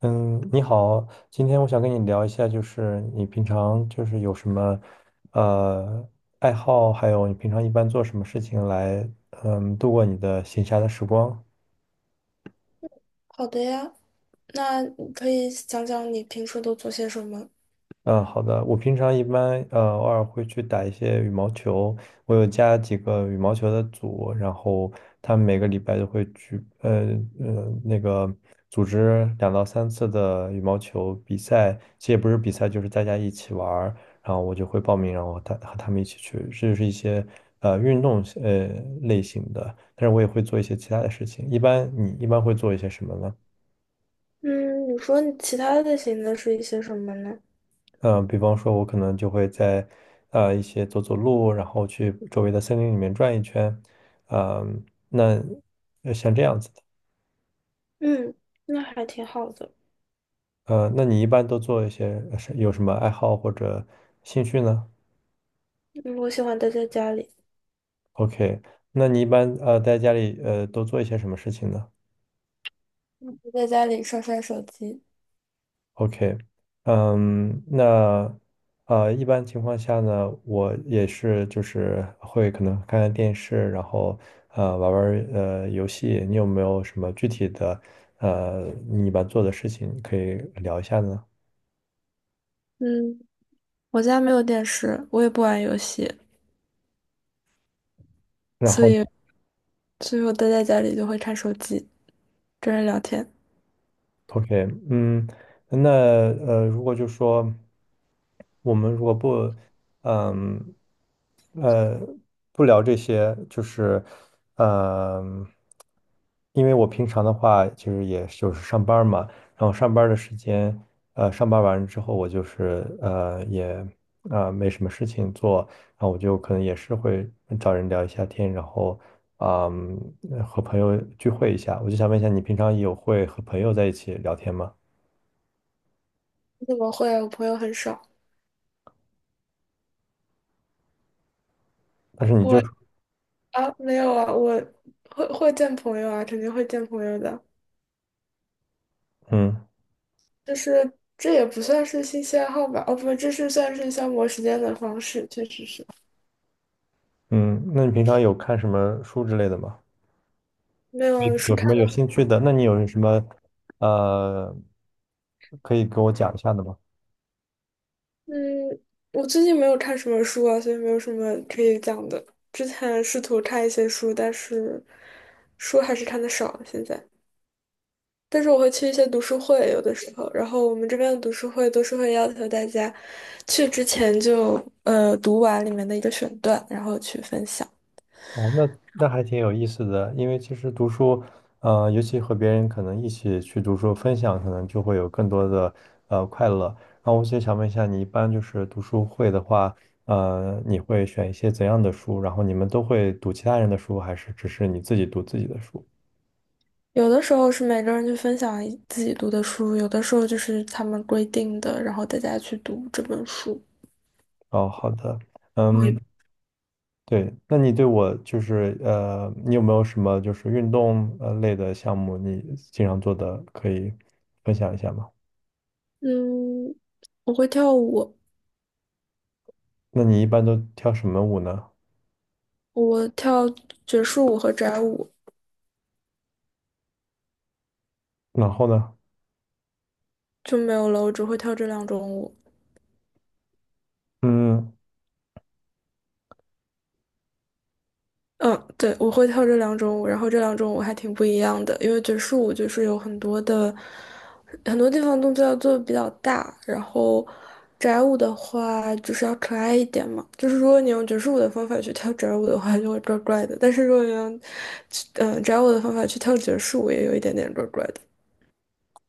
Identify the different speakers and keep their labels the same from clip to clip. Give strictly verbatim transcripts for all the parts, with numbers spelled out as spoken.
Speaker 1: 嗯，你好，今天我想跟你聊一下，就是你平常就是有什么呃爱好，还有你平常一般做什么事情来嗯度过你的闲暇的时光。
Speaker 2: 好的呀，那你可以讲讲你平时都做些什么？
Speaker 1: 嗯，好的。我平常一般呃偶尔会去打一些羽毛球，我有加几个羽毛球的组，然后他们每个礼拜都会去，呃呃那个组织两到三次的羽毛球比赛，其实也不是比赛，就是大家一起玩儿然后我就会报名，然后他和他们一起去，这就是一些呃运动呃类型的，但是我也会做一些其他的事情。一般你一般会做一些什么呢？
Speaker 2: 嗯，你说你其他类型的是一些什么呢？
Speaker 1: 嗯、呃比方说，我可能就会在呃一些走走路，然后去周围的森林里面转一圈，嗯、那呃像这样子的，
Speaker 2: 嗯，那还挺好的。
Speaker 1: 呃，那你一般都做一些呃是有什么爱好或者兴趣呢
Speaker 2: 嗯，我喜欢待在家里。
Speaker 1: ？OK，那你一般呃在家里呃都做一些什么事情呢？
Speaker 2: 我在家里刷刷手机。
Speaker 1: OK，嗯，那呃，一般情况下呢，我也是就是会可能看看电视，然后呃玩玩儿呃游戏。你有没有什么具体的呃你一般做的事情可以聊一下呢？
Speaker 2: 嗯，我家没有电视，我也不玩游戏，
Speaker 1: 然
Speaker 2: 所
Speaker 1: 后。
Speaker 2: 以所以我待在家里就会看手机，跟人聊天。
Speaker 1: OK，嗯，那呃，如果就说我们如果不，嗯，呃，不聊这些，就是，嗯，因为我平常的话，其实也就是上班儿嘛，然后上班儿的时间，呃，上班完之后，我就是呃也啊、呃没什么事情做，然后我就可能也是会找人聊一下天，然后，嗯，和朋友聚会一下。我就想问一下，你平常有会和朋友在一起聊天吗？
Speaker 2: 你怎么会啊？我朋友很少。
Speaker 1: 但是你
Speaker 2: 我
Speaker 1: 就，
Speaker 2: 啊，没有啊，我会会见朋友啊，肯定会见朋友的。
Speaker 1: 嗯
Speaker 2: 就是这也不算是兴趣爱好吧？哦，不，这是算是消磨时间的方式，确实是
Speaker 1: 嗯，那你平常有看什么书之类的吗？
Speaker 2: 没
Speaker 1: 你
Speaker 2: 有书
Speaker 1: 有什
Speaker 2: 看
Speaker 1: 么有
Speaker 2: 了。
Speaker 1: 兴趣的？那你有什么，呃，可以给我讲一下的吗？
Speaker 2: 嗯，我最近没有看什么书啊，所以没有什么可以讲的。之前试图看一些书，但是书还是看的少现在。但是我会去一些读书会，有的时候，然后我们这边的读书会都是会要求大家去之前就呃读完里面的一个选段，然后去分享。
Speaker 1: 哦，那那还挺有意思的，因为其实读书，呃，尤其和别人可能一起去读书分享，可能就会有更多的呃快乐。然后我就想问一下，你一般就是读书会的话，呃，你会选一些怎样的书？然后你们都会读其他人的书，还是只是你自己读自己的书？
Speaker 2: 有的时候是每个人去分享一自己读的书，有的时候就是他们规定的，然后大家去读这本书。
Speaker 1: 哦，好的，
Speaker 2: 同一
Speaker 1: 嗯，
Speaker 2: 本。
Speaker 1: 对，那你对我就是呃，你有没有什么就是运动呃类的项目，你经常做的，可以分享一下吗？
Speaker 2: 嗯，我会跳舞，
Speaker 1: 那你一般都跳什么舞呢？
Speaker 2: 我跳爵士舞和宅舞，
Speaker 1: 然后呢？
Speaker 2: 就没有了，我只会跳这两种舞。
Speaker 1: 嗯，
Speaker 2: 嗯，对，我会跳这两种舞，然后这两种舞还挺不一样的，因为爵士舞就是有很多的很多地方动作要做的比较大，然后宅舞的话就是要可爱一点嘛，就是如果你用爵士舞的方法去跳宅舞的话，就会怪怪的，但是如果你用嗯、呃宅舞的方法去跳爵士舞，也有一点点怪怪的。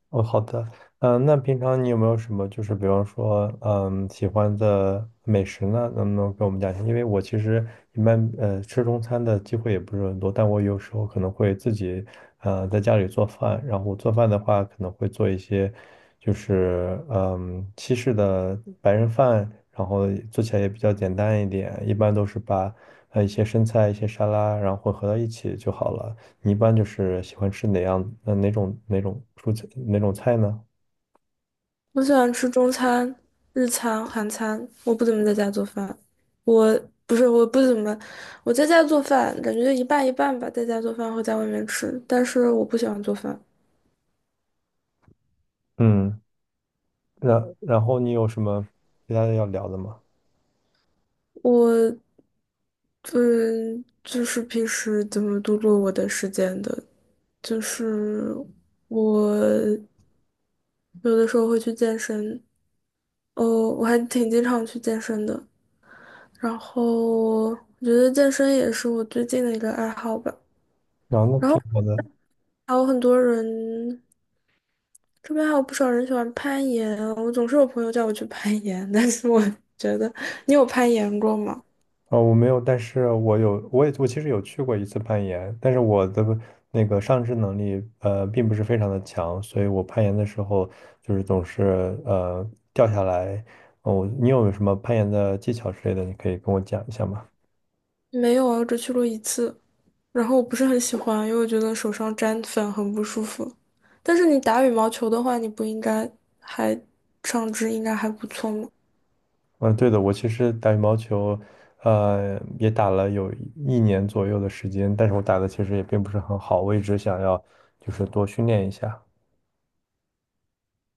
Speaker 1: 哦，好的。嗯，那平常你有没有什么，就是比方说，嗯，喜欢的美食呢？能不能给我们讲一下？因为我其实一般，呃，吃中餐的机会也不是很多，但我有时候可能会自己，呃，在家里做饭。然后做饭的话，可能会做一些，就是，嗯，西式的白人饭，然后做起来也比较简单一点。一般都是把，呃，一些生菜、一些沙拉，然后混合到一起就好了。你一般就是喜欢吃哪样？呃，哪种哪种蔬菜哪种菜呢？
Speaker 2: 我喜欢吃中餐、日餐、韩餐。我不怎么在家做饭，我不是我不怎么，我在家做饭感觉就一半一半吧，在家做饭和在外面吃。但是我不喜欢做饭，
Speaker 1: 嗯，然然后你有什么其他的要聊的吗？
Speaker 2: 我嗯就是平时怎么度过我的时间的，就是我有的时候会去健身。哦，我还挺经常去健身的。然后我觉得健身也是我最近的一个爱好吧。
Speaker 1: 然后那挺好的。
Speaker 2: 还有很多人，这边还有不少人喜欢攀岩。我总是有朋友叫我去攀岩，但是我觉得，你有攀岩过吗？
Speaker 1: 啊、我没有，但是我有，我也我其实有去过一次攀岩，但是我的那个上肢能力呃并不是非常的强，所以我攀岩的时候就是总是呃掉下来。哦，你有什么攀岩的技巧之类的，你可以跟我讲一下吗？
Speaker 2: 没有啊，我只去过一次。然后我不是很喜欢，因为我觉得手上沾粉很不舒服。但是你打羽毛球的话，你不应该，还，上肢应该还不错吗？
Speaker 1: 嗯，对的，我其实打羽毛球，呃，也打了有一年左右的时间，但是我打的其实也并不是很好，我一直想要就是多训练一下。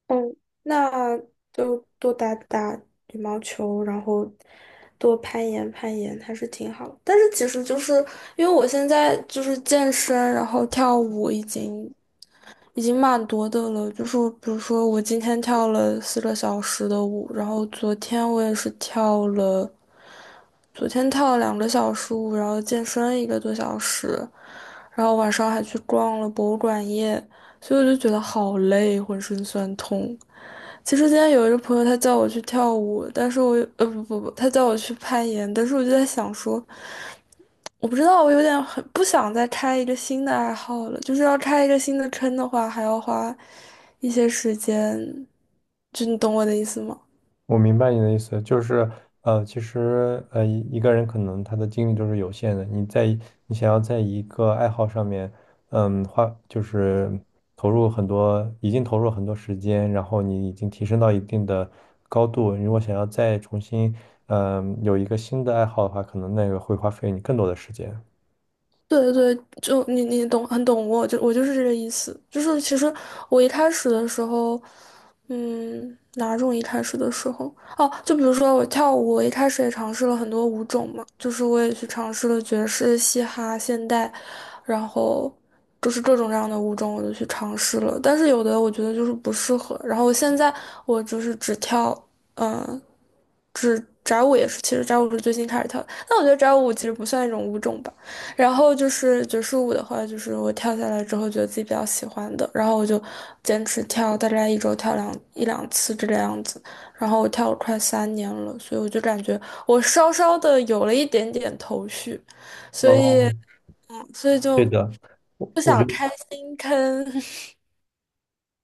Speaker 2: 嗯，那就多打打羽毛球，然后多攀岩攀岩，还是挺好的。但是其实就是因为我现在就是健身，然后跳舞已经已经蛮多的了。就是比如说我今天跳了四个小时的舞，然后昨天我也是跳了，昨天跳了两个小时舞，然后健身一个多小时，然后晚上还去逛了博物馆夜，所以我就觉得好累，浑身酸痛。其实今天有一个朋友，他叫我去跳舞，但是我呃不不不，他叫我去攀岩，但是我就在想说，我不知道，我有点很不想再开一个新的爱好了，就是要开一个新的坑的话，还要花一些时间，就你懂我的意思吗？
Speaker 1: 我明白你的意思，就是呃，其实呃，一一个人可能他的精力都是有限的。你在你想要在一个爱好上面，嗯，花就是投入很多，已经投入很多时间，然后你已经提升到一定的高度。如果想要再重新，嗯、有一个新的爱好的话，可能那个会花费你更多的时间。
Speaker 2: 对对对，就你你懂，很懂我，就我就是这个意思。就是其实我一开始的时候，嗯，哪种一开始的时候？哦，就比如说我跳舞，我一开始也尝试了很多舞种嘛，就是我也去尝试了爵士、嘻哈、现代，然后就是各种各样的舞种我都去尝试了，但是有的我觉得就是不适合。然后现在我就是只跳，嗯、只宅舞也是，其实宅舞是最近开始跳的，但我觉得宅舞其实不算一种舞种吧。然后就是爵士舞的话，就是我跳下来之后觉得自己比较喜欢的，然后我就坚持跳，大概一周跳两一两次这个样子。然后我跳了快三年了，所以我就感觉我稍稍的有了一点点头绪，所以
Speaker 1: 哦，
Speaker 2: 嗯，所以
Speaker 1: 对
Speaker 2: 就
Speaker 1: 的，我
Speaker 2: 不
Speaker 1: 我觉
Speaker 2: 想
Speaker 1: 得。
Speaker 2: 开新坑。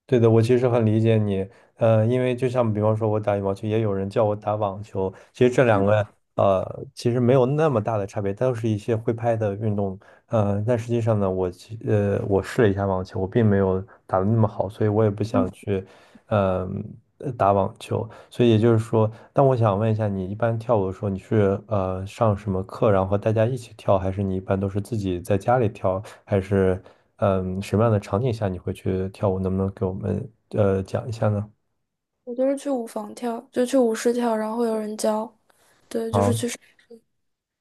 Speaker 1: 对的，我其实很理解你，呃，因为就像比方说，我打羽毛球，也有人叫我打网球，其实这两个呃，其实没有那么大的差别，都是一些挥拍的运动，呃，但实际上呢，我其呃，我试了一下网球，我并没有打得那么好，所以我也不想去，嗯、呃打网球。所以也就是说，但我想问一下，你一般跳舞的时候，你是呃上什么课，然后和大家一起跳，还是你一般都是自己在家里跳，还是嗯、什么样的场景下你会去跳舞？能不能给我们呃讲一下呢？
Speaker 2: 我就是去舞房跳，就去舞室跳，然后会有人教，对，就是。
Speaker 1: 好。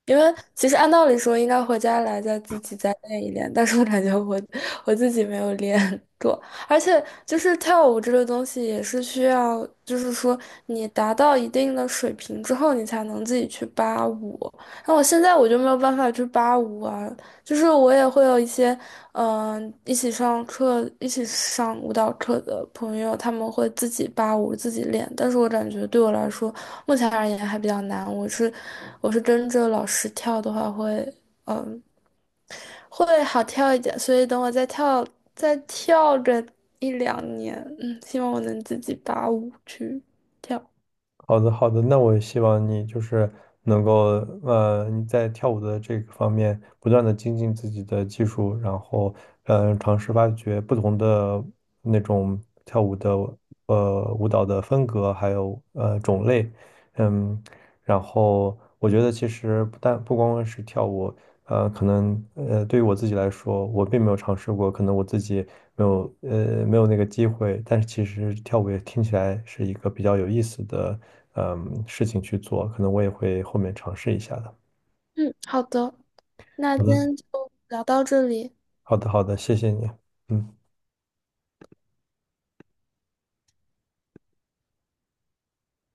Speaker 2: 因为其实按道理说应该回家来再自己再练一练，但是我感觉我我自己没有练 过，而且就是跳舞这个东西也是需要，就是说你达到一定的水平之后，你才能自己去扒舞。那我现在我就没有办法去扒舞啊，就是我也会有一些，嗯、一起上课、一起上舞蹈课的朋友，他们会自己扒舞、自己练。但是我感觉对我来说，目前而言还比较难。我是，我是跟着老师跳的话会，会好跳一点。所以等我再跳，再跳个一两年，嗯，希望我能自己扒舞去跳。
Speaker 1: 好的，好的，那我希望你就是能够，呃，你在跳舞的这个方面不断的精进自己的技术，然后，呃，尝试发掘不同的那种跳舞的，呃，舞蹈的风格，还有呃种类，嗯，然后我觉得其实不但不光光是跳舞，呃，可能呃对于我自己来说，我并没有尝试过，可能我自己没有呃没有那个机会，但是其实跳舞也听起来是一个比较有意思的嗯事情去做，可能我也会后面尝试一下的。
Speaker 2: 嗯，好的，那
Speaker 1: 好
Speaker 2: 今
Speaker 1: 的，
Speaker 2: 天就聊到这里。
Speaker 1: 好的，好的，谢谢你。嗯。